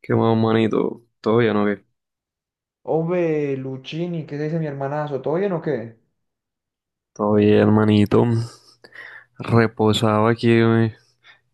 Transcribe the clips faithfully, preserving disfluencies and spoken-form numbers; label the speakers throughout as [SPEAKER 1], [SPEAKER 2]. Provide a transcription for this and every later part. [SPEAKER 1] ¿Qué más, manito? ¿Todo bien o qué?
[SPEAKER 2] Ove, Luchini, ¿qué se dice mi hermanazo? ¿Todo bien o qué?
[SPEAKER 1] Todo bien, manito. Reposaba aquí, güey,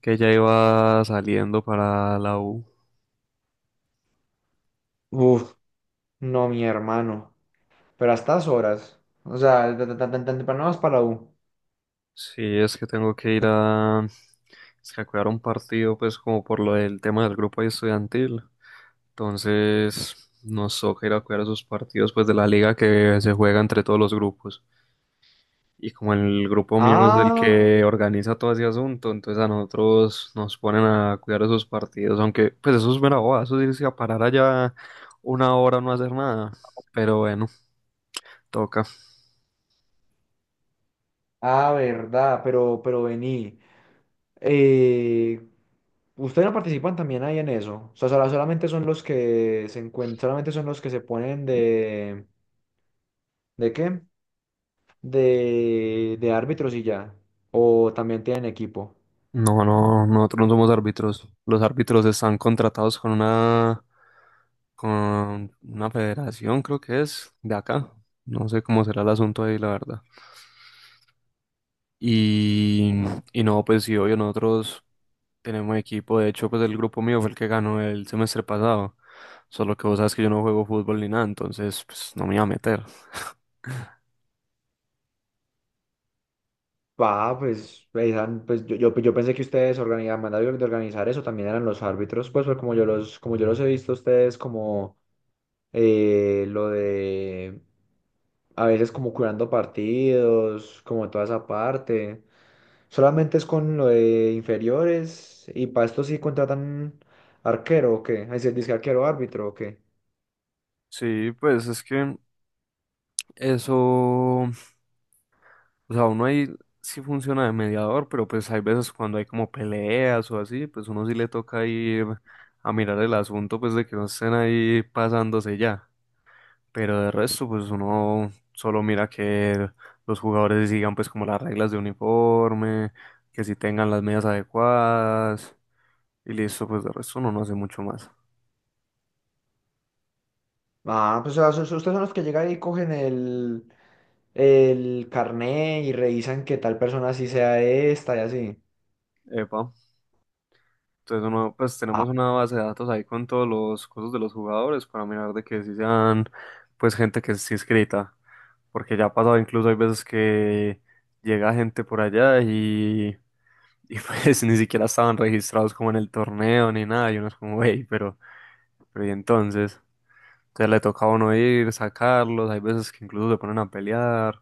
[SPEAKER 1] que ya iba saliendo para la U.
[SPEAKER 2] Uf, no, mi hermano. Pero a estas horas. O sea, tan, tan, tan, tan temprano vas para la U.
[SPEAKER 1] Sí, es que tengo que ir a... Es que a cuidar un partido, pues, como por lo del tema del grupo ahí estudiantil. Entonces, nos toca ir a cuidar esos partidos, pues, de la liga que se juega entre todos los grupos. Y como el grupo mío es el
[SPEAKER 2] Ah,
[SPEAKER 1] que organiza todo ese asunto, entonces a nosotros nos ponen a cuidar esos partidos, aunque pues eso es mera boba, eso es irse a parar allá una hora no hacer nada, pero bueno, toca.
[SPEAKER 2] ah, verdad, pero, pero vení. Eh, ¿Ustedes no participan también ahí en eso? O sea, sola- solamente son los que se encuentran, solamente son los que se ponen de, ¿de qué? De, de árbitros y ya. O también tienen equipo.
[SPEAKER 1] No, no, nosotros no somos árbitros, los árbitros están contratados con una, con una federación, creo que es, de acá, no sé cómo será el asunto ahí, la verdad. Y, y no, pues sí, obvio, nosotros tenemos equipo. De hecho, pues el grupo mío fue el que ganó el semestre pasado. Solo que vos sabes que yo no juego fútbol ni nada, entonces pues no me iba a meter.
[SPEAKER 2] Ah, pues, eran- pues yo, yo, yo pensé que ustedes organizaban, mandaban de organizar eso, también eran los árbitros, pues, pues, como yo los, como yo los he visto a ustedes como eh, lo de a veces como curando partidos, como toda esa parte. Solamente es con lo de inferiores y para esto sí contratan arquero o qué, es decir, disque arquero árbitro o qué.
[SPEAKER 1] Sí, pues es que eso, o sea, uno ahí sí funciona de mediador, pero pues hay veces cuando hay como peleas o así, pues uno sí le toca ir a mirar el asunto, pues de que no estén ahí pasándose ya. Pero de resto, pues uno solo mira que los jugadores sigan pues como las reglas de uniforme, que si tengan las medidas adecuadas y listo, pues de resto uno no hace mucho más.
[SPEAKER 2] Ah, pues o sea, sus- ustedes son los que llegan y cogen el, el carné y revisan que tal persona sí sea esta y así.
[SPEAKER 1] Epa. Entonces uno pues
[SPEAKER 2] Ah,
[SPEAKER 1] tenemos una base de datos ahí con todos los cosas de los jugadores para mirar de que si sean pues gente que sí escrita, porque ya ha pasado incluso hay veces que llega gente por allá y, y pues ni siquiera estaban registrados como en el torneo ni nada y uno es como, hey, pero, pero y entonces... Entonces le toca a uno ir, sacarlos, hay veces que incluso se ponen a pelear,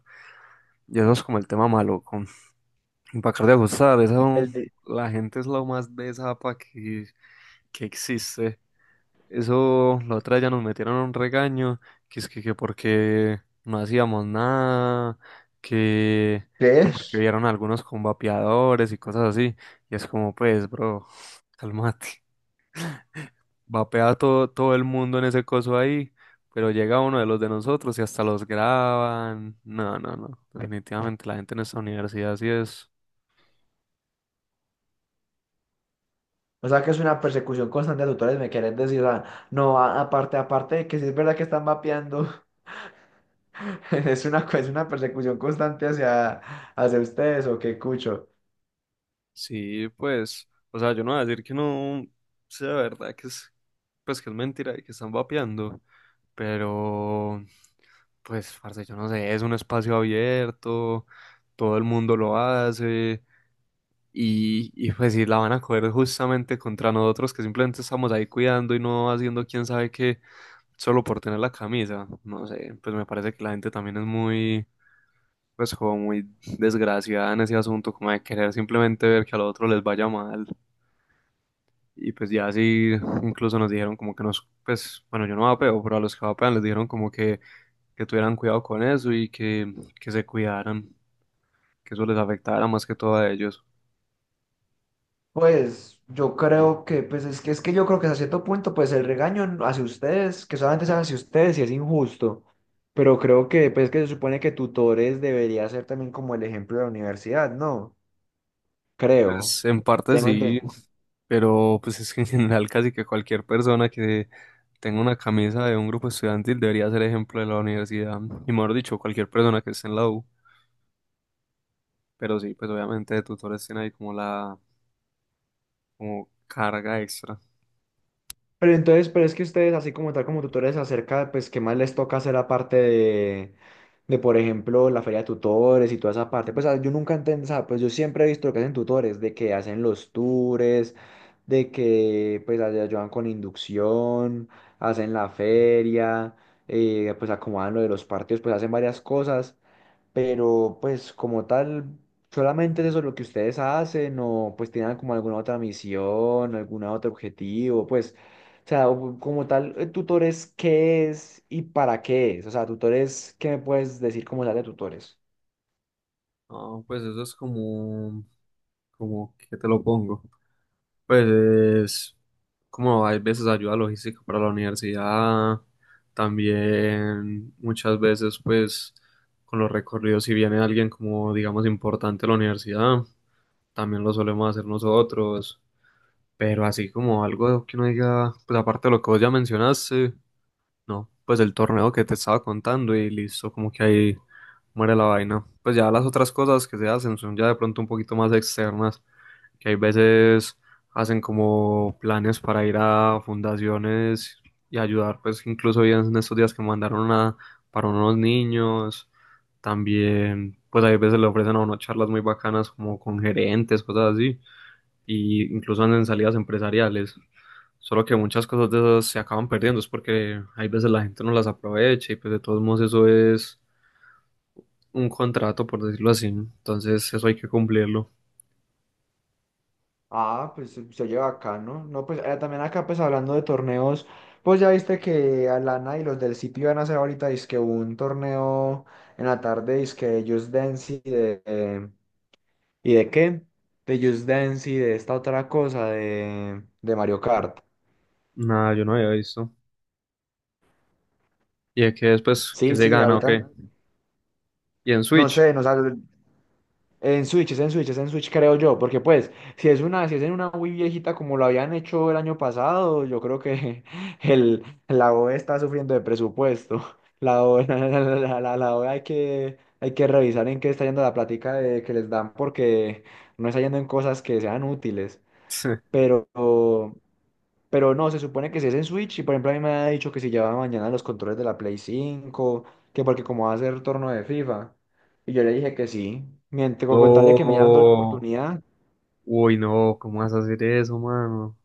[SPEAKER 1] y eso es como el tema maluco. Y para acabar de ajustar, eso,
[SPEAKER 2] el de-
[SPEAKER 1] la gente es lo más besapa que, que existe. Eso, la otra vez ya nos metieron un regaño, que es que, que porque no hacíamos nada, que,
[SPEAKER 2] ¿qué
[SPEAKER 1] que porque
[SPEAKER 2] es?
[SPEAKER 1] vieron algunos con vapeadores y cosas así, y es como, pues, bro, cálmate. Vapea todo, todo el mundo en ese coso ahí, pero llega uno de los de nosotros y hasta los graban. No, no, no. Definitivamente la gente en esta universidad sí es.
[SPEAKER 2] O sea, que es una persecución constante de tutores, me quieren decir, o sea, no, a- aparte, aparte de que si es verdad que están mapeando, es una, co- es una persecución constante hacia, hacia ustedes, o qué cucho.
[SPEAKER 1] Sí, pues, o sea, yo no voy a decir que no sea verdad, que es, pues que es mentira y que están vapeando, pero pues, parce, yo no sé, es un espacio abierto, todo el mundo lo hace, y, y pues si la van a coger justamente contra nosotros que simplemente estamos ahí cuidando y no haciendo quién sabe qué, solo por tener la camisa. No sé, pues me parece que la gente también es muy, pues como muy desgraciada en ese asunto, como de querer simplemente ver que al otro les vaya mal. Y pues ya así, incluso nos dijeron como que nos, pues, bueno, yo no vapeo, pero a los que vapean les dijeron como que, que tuvieran cuidado con eso y que, que se cuidaran, que eso les afectara más que todo a ellos.
[SPEAKER 2] Pues yo creo que, pues es que, es que yo creo que hasta cierto punto, pues el regaño hacia ustedes, que solamente es hacia ustedes y es injusto, pero creo que, pues que se supone que tutores debería ser también como el ejemplo de la universidad, ¿no? Creo,
[SPEAKER 1] Pues en parte
[SPEAKER 2] tengo
[SPEAKER 1] sí,
[SPEAKER 2] entendido.
[SPEAKER 1] pero pues es que en general casi que cualquier persona que tenga una camisa de un grupo estudiantil debería ser ejemplo de la universidad, y mejor dicho, cualquier persona que esté en la U, pero sí, pues obviamente de tutores tiene ahí como la como carga extra.
[SPEAKER 2] Pero entonces, pero es que ustedes, así como tal, como tutores, acerca, pues, ¿qué más les toca hacer aparte de, de, por ejemplo, la feria de tutores y toda esa parte? Pues, ah, yo nunca entendí, o sea, pues, yo siempre he visto lo que hacen tutores, de que hacen los tours, de que, pues, ay- ayudan con inducción, hacen la feria, eh, pues, acomodan lo de los partidos, pues, hacen varias cosas, pero pues como tal, solamente es eso lo que ustedes hacen o pues tienen como alguna otra misión, alguna otro objetivo, pues, o sea, o- como tal, eh, tutores, ¿qué es y para qué es? O sea, tutores, ¿qué me puedes decir como tal de tutores?
[SPEAKER 1] No, pues eso es como, como que te lo pongo. Pues como hay veces ayuda logística para la universidad, también muchas veces pues con los recorridos si viene alguien como digamos importante a la universidad, también lo solemos hacer nosotros, pero así como algo que uno diga, pues aparte de lo que vos ya mencionaste, no, pues el torneo que te estaba contando y listo, como que ahí muere la vaina. Pues ya las otras cosas que se hacen son ya de pronto un poquito más externas, que hay veces hacen como planes para ir a fundaciones y ayudar, pues incluso hoy en estos días que mandaron una para unos niños, también pues hay veces le ofrecen a uno charlas muy bacanas como con gerentes, cosas así y incluso andan en salidas empresariales. Solo que muchas cosas de esas se acaban perdiendo, es porque hay veces la gente no las aprovecha y pues de todos modos eso es un contrato, por decirlo así. Entonces eso hay que cumplirlo.
[SPEAKER 2] Ah, pues se se oye acá, ¿no? No, pues eh, también acá pues hablando de torneos, pues ya viste que Alana y los del sitio van a hacer ahorita dizque un torneo en la tarde, dizque Just Dance y de, ¿y de qué? De Just Dance y de esta otra cosa de, de Mario Kart.
[SPEAKER 1] Nada, yo no había visto. ¿Y de qué después que
[SPEAKER 2] Sí,
[SPEAKER 1] se
[SPEAKER 2] sí,
[SPEAKER 1] gana o
[SPEAKER 2] ahorita
[SPEAKER 1] qué? ¿Y en
[SPEAKER 2] no
[SPEAKER 1] Switch?
[SPEAKER 2] sé, no sale en Switch, es en Switch, es en Switch creo yo, porque pues si es una si es en una Wii viejita como lo habían hecho el año pasado, yo creo que el la O E está sufriendo de presupuesto. La O E, la, la- la- la O E hay que hay que revisar en qué está yendo la plática de, que les dan porque no está yendo en cosas que sean útiles. Pero Pero no, se supone que si es en Switch, y por ejemplo a mí me ha dicho que si llevaba mañana los controles de la Play cinco, que porque como va a ser torno de FIFA. Y yo le dije que sí, mientras con tal de que me hayan dado la
[SPEAKER 1] No.
[SPEAKER 2] oportunidad,
[SPEAKER 1] Uy, no, ¿cómo vas a hacer eso, mano?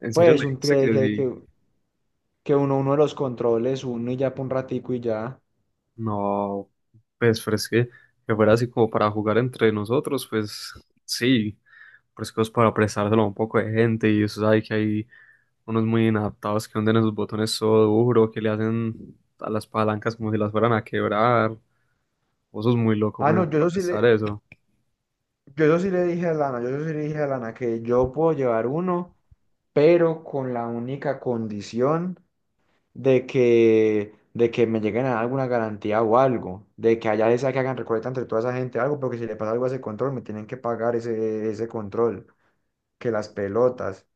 [SPEAKER 1] ¿En serio
[SPEAKER 2] pues
[SPEAKER 1] le
[SPEAKER 2] un
[SPEAKER 1] dijiste
[SPEAKER 2] que,
[SPEAKER 1] que
[SPEAKER 2] que, que,
[SPEAKER 1] sí?
[SPEAKER 2] que uno, uno de los controles, uno y ya por un ratico y ya.
[SPEAKER 1] No, pues, pero es que, que fuera así como para jugar entre nosotros, pues sí, pero es que es para prestárselo a un poco de gente y eso sabe que hay unos muy inadaptados que hunden esos botones todo duro, que le hacen a las palancas como si las fueran a quebrar, vos sos muy loco
[SPEAKER 2] Ah, no,
[SPEAKER 1] poniendo
[SPEAKER 2] yo
[SPEAKER 1] a
[SPEAKER 2] eso sí
[SPEAKER 1] prestar
[SPEAKER 2] le,
[SPEAKER 1] eso.
[SPEAKER 2] yo eso sí le dije a Lana, yo eso sí le dije a Lana que yo puedo llevar uno, pero con la única condición. de que, de que me lleguen a dar alguna garantía o algo, de que allá les sea que hagan recolecta entre toda esa gente algo, porque si le pasa algo a ese control, me tienen que pagar ese, ese control, que las pelotas.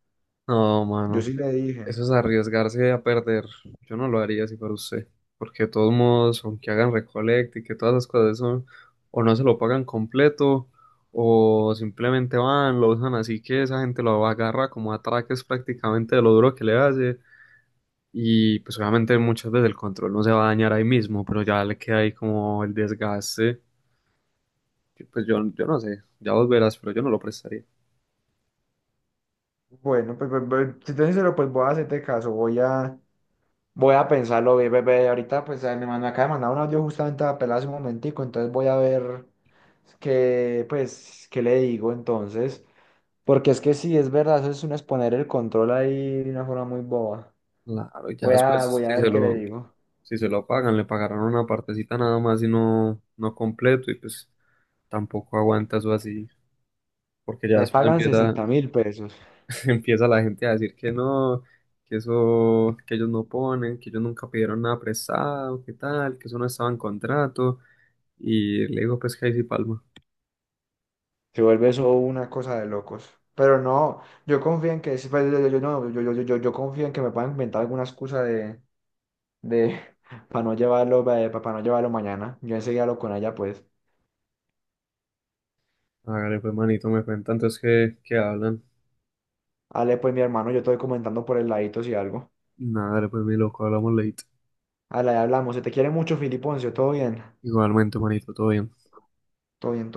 [SPEAKER 1] No,
[SPEAKER 2] Yo
[SPEAKER 1] mano.
[SPEAKER 2] sí le dije,
[SPEAKER 1] Eso es arriesgarse a perder. Yo no lo haría si fuera usted, porque de todos modos, aunque hagan recolecta y que todas las cosas son, o no se lo pagan completo, o simplemente van, lo usan así que esa gente lo agarra como atraques prácticamente de lo duro que le hace. Y pues obviamente muchas veces el control no se va a dañar ahí mismo, pero ya le queda ahí como el desgaste. Que, pues yo, yo no sé, ya vos verás, pero yo no lo prestaría.
[SPEAKER 2] bueno, pues, pues, pues, si te soy sincero, pues voy a hacerte caso, voy a, voy a pensarlo bien, bebé. Ahorita, pues eh, me, mandó- me acaba de mandar un audio justamente a pelar hace un momentico, entonces voy a ver qué, pues, qué le digo entonces. Porque es que sí, es verdad, eso es un exponer el control ahí de una forma muy boba.
[SPEAKER 1] Claro, ya
[SPEAKER 2] Voy a,
[SPEAKER 1] después
[SPEAKER 2] voy a
[SPEAKER 1] si
[SPEAKER 2] ver
[SPEAKER 1] se
[SPEAKER 2] qué le
[SPEAKER 1] lo,
[SPEAKER 2] digo.
[SPEAKER 1] si se lo pagan, le pagarán una partecita nada más y no, no completo y pues tampoco aguanta eso así, porque ya
[SPEAKER 2] Me
[SPEAKER 1] después
[SPEAKER 2] pagan
[SPEAKER 1] empieza,
[SPEAKER 2] sesenta mil pesos.
[SPEAKER 1] empieza la gente a decir que no, que eso, que ellos no ponen, que ellos nunca pidieron nada prestado, que tal, que eso no estaba en contrato y le digo pues que ahí sí palma.
[SPEAKER 2] Se vuelve eso una cosa de locos. Pero no, yo confío en que, sí, pues, yo, yo- yo no, yo, yo, yo, yo- yo confío en que me puedan inventar alguna excusa de, de para no llevarlo, para no llevarlo mañana. Yo enseguida hablo con ella, pues.
[SPEAKER 1] Hágale pues manito, me cuentan entonces que, que hablan.
[SPEAKER 2] Ale, pues, mi hermano, yo estoy comentando por el ladito si algo.
[SPEAKER 1] Nada, dale, pues mi loco, hablamos late.
[SPEAKER 2] Ale, hablamos. Se te quiere mucho, Filiponcio. Todo bien.
[SPEAKER 1] Igualmente manito, todo bien.
[SPEAKER 2] Todo bien.